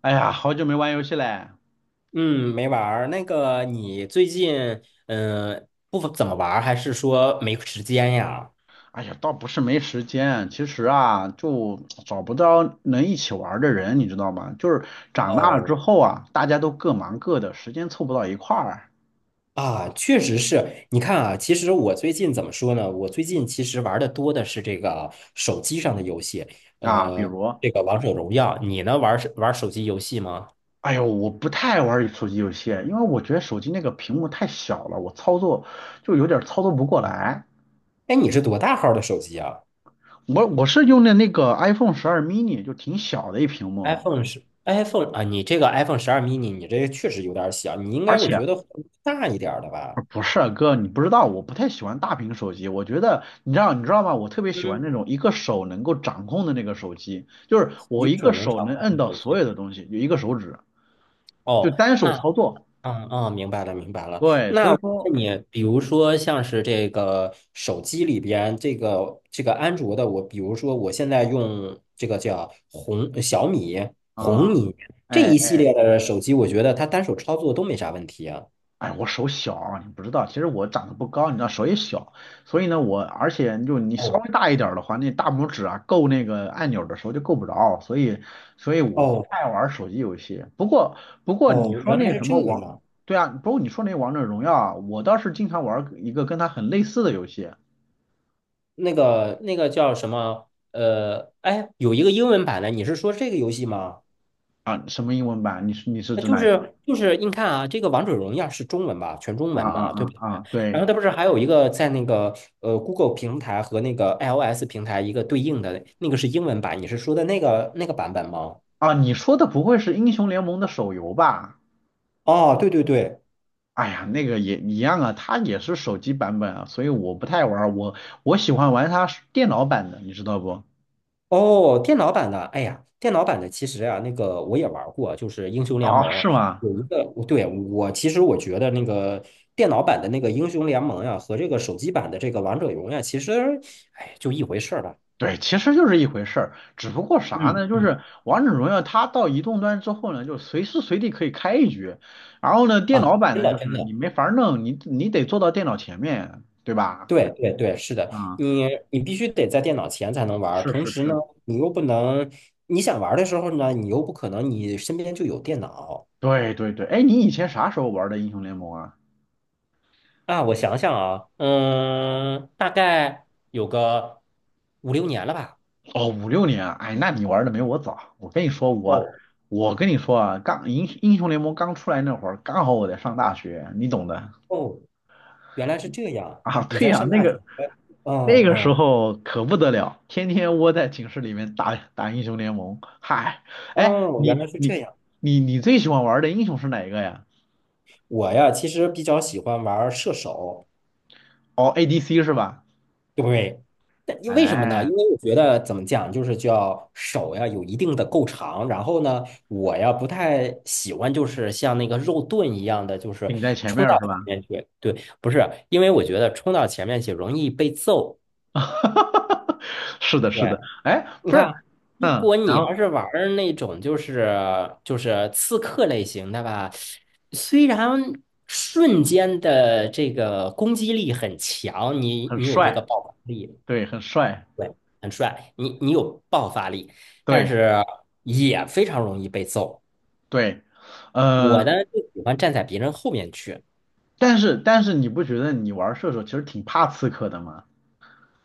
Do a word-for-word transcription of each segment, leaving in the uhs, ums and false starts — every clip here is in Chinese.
哎呀，好久没玩游戏嘞。嗯，没玩儿。那个，你最近嗯、呃不怎么玩儿，还是说没时间呀？哎呀，倒不是没时间，其实啊，就找不到能一起玩儿的人，你知道吗？就是长大了之哦，后啊，大家都各忙各的，时间凑不到一块儿啊，确实是。你看啊，其实我最近怎么说呢？我最近其实玩的多的是这个手机上的游戏，啊。比呃，如，这个王者荣耀。你呢，玩儿玩儿手机游戏吗？哎呦，我不太玩儿手机游戏，因为我觉得手机那个屏幕太小了，我操作就有点儿操作不过来。哎，你是多大号的手机啊我我是用的那个 iPhone 十二 mini,就挺小的一屏幕。？iPhone 是 iPhone 啊？你这个 iPhone 十二 mini,你这个确实有点儿小，你应而该我且。觉得大一点儿的吧？不是啊哥，你不知道，我不太喜欢大屏手机。我觉得，你知道，你知道吗？我特别喜欢嗯，那种一个手能够掌控的那个手机，就是我一一个个手能手掌能控摁的到手所机。有的东西，就一个手指，就哦，单手那，操作。嗯嗯，明白了，明白了。对，所那以我说，问你，比如说像是这个手机里边这个这个安卓的，我比如说我现在用这个叫红呃小米、红啊、米这哎。一系列的手机，我觉得它单手操作都没啥问题啊。哎，我手小，你不知道，其实我长得不高，你知道手也小，所以呢，我而且就你稍哦微大一点儿的话，那大拇指啊够那个按钮的时候就够不着，所以所以我不哦太玩手机游戏。不过不过你哦，说原那来是什这么个王，样。对啊，不过你说那王者荣耀啊，我倒是经常玩一个跟它很类似的游戏那个那个叫什么？呃，哎，有一个英文版的，你是说这个游戏吗？啊，什么英文版？你是你是那指就哪一个？是就是你看啊，这个《王者荣耀》是中文吧，全中啊文啊嘛，对啊不对？啊，然对后它不是还有一个在那个呃 Google 平台和那个 iOS 平台一个对应的那个是英文版，你是说的那个那个版本吗？啊，你说的不会是英雄联盟的手游吧？哦，对对对，哎呀，那个也一样啊，它也是手机版本啊，所以我不太玩儿，我我喜欢玩它是电脑版的，你知道不？哦，电脑版的，哎呀，电脑版的其实啊，那个我也玩儿过，就是英雄联哦，盟是吗？有一个，对，我其实我觉得那个电脑版的那个英雄联盟呀、和这个手机版的这个王者荣耀其实，哎，就一回事儿吧。对，其实就是一回事儿，只不过啥嗯呢？就嗯是王者荣耀它到移动端之后呢，就随时随地可以开一局，然后呢，电啊，脑版真呢，的就是真你的。没法儿弄，你你得坐到电脑前面，对吧？对对对，是的，啊、你你必须得在电脑前才能玩儿，是同是时呢，是，你又不能，你想玩儿的时候呢，你又不可能你身边就有电脑对对对，哎，你以前啥时候玩的英雄联盟啊？啊。我想想啊，嗯，大概有个五六年了吧。哦，五六年啊，哎，那你玩的没我早。我跟你说，我哦我跟你说啊，刚英英雄联盟刚出来那会儿，刚好我在上大学，你懂的哦，原来是这样，啊。你对在呀，上那大学？个嗯那个时嗯候可不得了，天天窝在寝室里面打打英雄联盟。嗨，嗯，哎，哦原你来是这你样。你你最喜欢玩的英雄是哪一个呀？我呀，其实比较喜欢玩儿射手。哦，A D C 是吧？对，但因为什么呢？哎，因为我觉得怎么讲，就是叫手呀有一定的够长，然后呢，我呀不太喜欢就是像那个肉盾一样的，就是顶在前冲面儿到是前吧？面去。对，不是，因为我觉得冲到前面去容易被揍。哈哈哈是的，是对，的。哎，你不是，看，如嗯，果你然后要是玩儿那种就是就是刺客类型的吧，虽然瞬间的这个攻击力很强，你很你有这个帅，爆发力。对，很帅。对，很帅，你你有爆发力，但对，是也非常容易被揍。对，我呃，呢就喜欢站在别人后面去但是但是你不觉得你玩射手其实挺怕刺客的吗？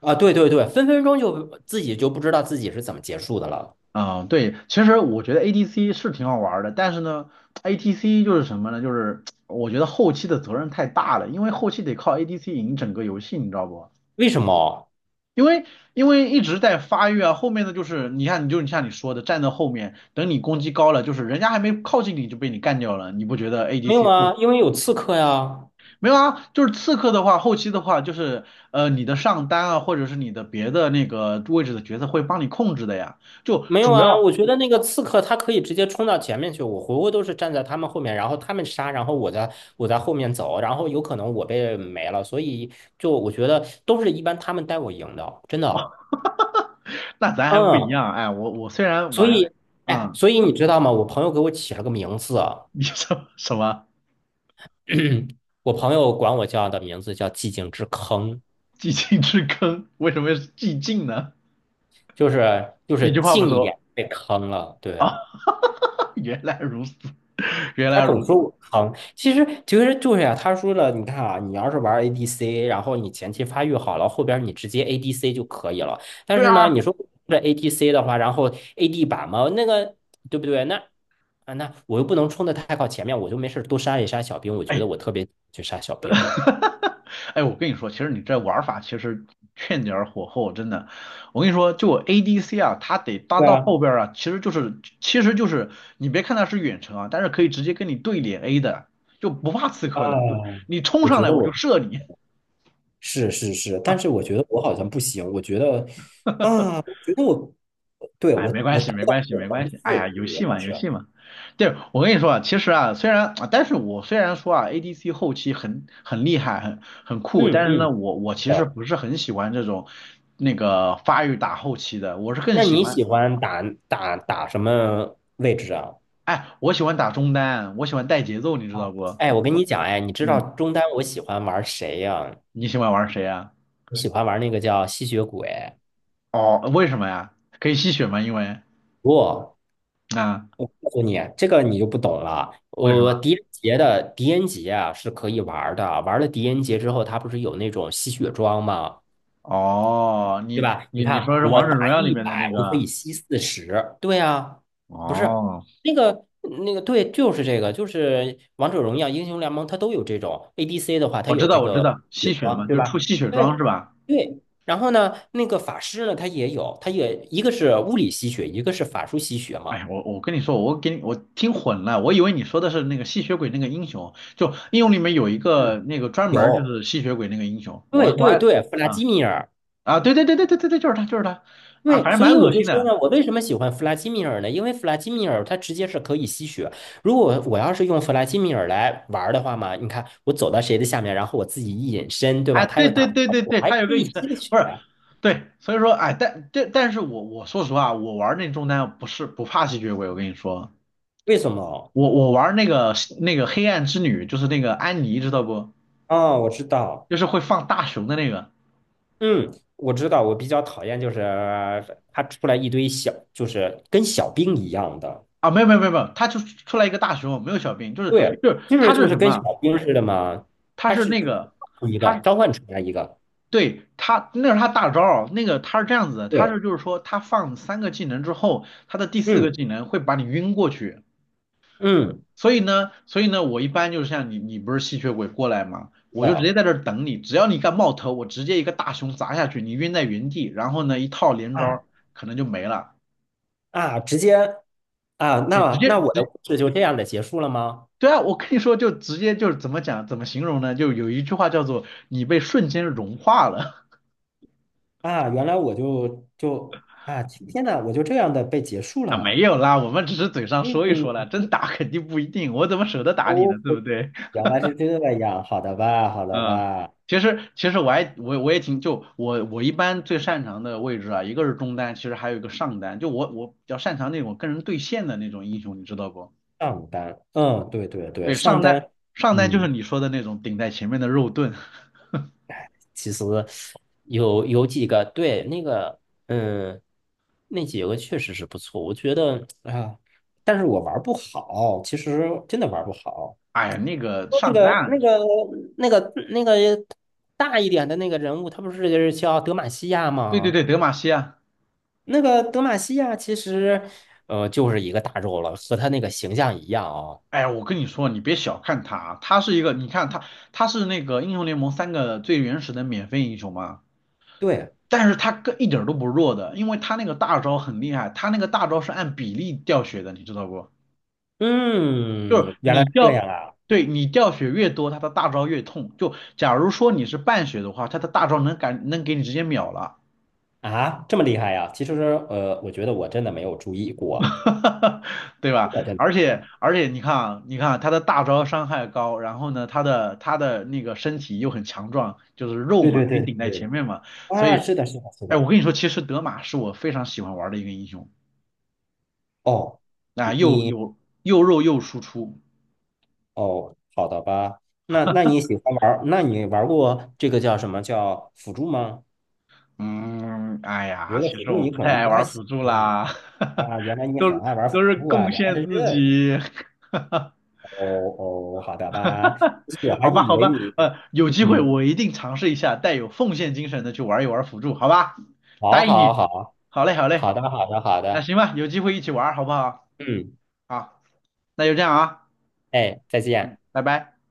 啊，对对对，分分钟就自己就不知道自己是怎么结束的了。啊、对，其实我觉得 A D C 是挺好玩的，但是呢，A T C 就是什么呢？就是我觉得后期的责任太大了，因为后期得靠 A D C 赢整个游戏，你知道不？为什么？因为因为一直在发育啊，后面的就是你看，你就像你说的，站在后面，等你攻击高了，就是人家还没靠近你就被你干掉了，你不觉得 没有 A D C 后啊，因为有刺客呀。没有啊，就是刺客的话，后期的话就是呃你的上单啊，或者是你的别的那个位置的角色会帮你控制的呀。就没有主啊，要我觉得那个刺客他可以直接冲到前面去，我回回都是站在他们后面，然后他们杀，然后我在我在后面走，然后有可能我被没了，所以就我觉得都是一般他们带我赢的，真的。那咱还不一嗯，样，哎，我我虽然所玩，以，哎，嗯，所以你知道吗？我朋友给我起了个名字啊，你什么什么 我朋友管我叫的名字叫"寂静之坑"，寂静之坑，为什么是寂静呢？就是就一是句话不近一说点被坑了。对，啊，原来如此，原他来总如说此，我坑，其实其实就是呀、他说了，你看啊，你要是玩 A D C，然后你前期发育好了，后边你直接 A D C 就可以了。但对啊，是呢，你说这 a d c 的话，然后 A D 版嘛，那个对不对？那啊，那我又不能冲的太靠前面，我就没事多杀一杀小兵，我觉得哎 我特别去杀小 兵。哈哈，哎，我跟你说，其实你这玩法其实欠点儿火候，真的。我跟你说，就 A D C 啊，它得搭对到啊，后边儿啊，其实就是其实就是你别看它是远程啊，但是可以直接跟你对脸 A 的，就不怕刺啊，客的，就你冲我上觉来得我就我射你。是是是，但 是我觉得我好像不行，我觉得啊，我觉得我对哎，没我关我系，达没不到关系，个没层关系。次，哎呀，对游不对，戏老嘛，师？游戏嘛。对，我跟你说啊，其实啊，虽然，但是我虽然说啊，A D C 后期很很厉害，很很酷，嗯但是呢，嗯，我我其对。实不是很喜欢这种那个发育打后期的，我是更那喜你欢，喜欢打打打什么位置啊？哎，我喜欢打中单，我喜欢带节奏，你知道哦，不？哎，我跟你讲，哎，你知道嗯，中单我喜欢玩谁呀、你喜欢玩谁啊？我喜欢玩那个叫吸血鬼，哦，为什么呀？可以吸血吗？因为不，啊，我告诉你，这个你就不懂了。为什呃，么？狄仁杰的狄仁杰啊是可以玩儿的，玩了狄仁杰之后，他不是有那种吸血装吗？哦，对你吧？你你你说看是我王者打荣耀里一面百，的那我可个？以吸四十。对啊，不是哦。那个那个，对，就是这个，就是王者荣耀、英雄联盟，它都有这种 A D C 的话，它我知有这道，我知个道，血吸血装，嘛，对就出吧？吸血对装是吧？对。然后呢，那个法师呢，他也有，他也一个是物理吸血，一个是法术吸血哎，嘛。我我跟你说，我给你我听混了，我以为你说的是那个吸血鬼那个英雄，就英雄里面有一个嗯，那个专门儿就有。是吸血鬼那个英雄，我对我对还对，弗拉啊基米尔，啊，对对对对对对对，就是他就是他啊，对，反正所以蛮我恶就心说的，呢，我为什么喜欢弗拉基米尔呢？因为弗拉基米尔它直接是可以吸血。如果我要是用弗拉基米尔来玩儿的话嘛，你看我走到谁的下面，然后我自己一隐身，对吧？哎，他对又打对不对着对我，对，还他有可个以隐身，吸个血，不是，对，所以说哎，但但但是我我说实话，我玩那中单不是不怕吸血鬼，我跟你说，为什么？我我玩那个那个黑暗之女，就是那个安妮，知道不？哦，我知道，就是会放大熊的那个。嗯，我知道，我比较讨厌就是他出来一堆小，就是跟小兵一样的，啊，没有没有没有没有，他就出来一个大熊，没有小兵，就是对，就是就是他就是是什么跟啊小兵似的嘛，他他是是那个，一他个是召唤出来一个，对他那是他大招儿那个他是这样子的，他对。是就是说他放三个技能之后，他的第四个嗯。技能会把你晕过去，嗯，所以呢所以呢，我一般就是像你你不是吸血鬼过来吗？我就直接的在这儿等你，只要你敢冒头，我直接一个大熊砸下去，你晕在原地，然后呢一套连招啊儿可能就没了，啊，直接啊，对，直那接那我的直故事就这样的结束了吗？对啊，我跟你说，就直接就是怎么讲，怎么形容呢？就有一句话叫做"你被瞬间融化了"。啊，原来我就就啊，今天呐，我就这样的被结束 啊，了。没有啦，我们只是嘴上说一说嗯，啦，真打肯定不一定，我怎么舍得打你哦，呢？对不对？原来是这样，好的吧，好的嗯，吧。其实其实我还我我也挺就我我一般最擅长的位置啊，一个是中单，其实还有一个上单，就我我比较擅长那种跟人对线的那种英雄，你知道不？上单，嗯，对对对，对，上上单单，上单就是嗯，你说的那种顶在前面的肉盾，其实有有几个，对，那个，嗯，那几个确实是不错，我觉得啊，但是我玩不好，其实真的玩不好。哎呀，那个说那上个单，那个那个那个大一点的那个人物，他不是就是叫德玛西亚对对吗？对，德玛西亚。那个德玛西亚其实，呃，就是一个大肉了，和他那个形象一样哦。哎，我跟你说，你别小看他，啊，他是一个，你看他，他是那个英雄联盟三个最原始的免费英雄嘛，对，但是他跟一点儿都不弱的，因为他那个大招很厉害，他那个大招是按比例掉血的，你知道不？就是嗯，原来你是这掉，样啊！对你掉血越多，他的大招越痛。就假如说你是半血的话，他的大招能敢能给你直接秒了。啊，这么厉害呀、其实，呃，我觉得我真的没有注意过，对吧？真的真而且的。而且你看啊，你看啊他的大招伤害高，然后呢，他的他的那个身体又很强壮，就是肉对嘛，对可以对顶在前对，面嘛，所啊，以，是的，是的，是哎，我的。跟你说，其实德玛是我非常喜欢玩的一个英雄，哦，啊，又你有又肉又输出，哦，好的吧？那那你喜欢玩儿那你玩过这个叫什么叫辅助吗？嗯，哎呀，觉得其辅实助我你不可太能爱不太玩喜辅助欢啦，啊，原来你都很爱玩辅都是助啊，贡原来献是自这样，己，哦哦，好的吧，我还好吧，以好为吧，你，呃，有机会嗯，我一定尝试一下，带有奉献精神的去玩一玩辅助，好吧？答好应好你。好，好嘞，好嘞，好的好的好那的，行吧，有机会一起玩儿好不好？嗯，好，那就这样啊，哎，再见。拜拜。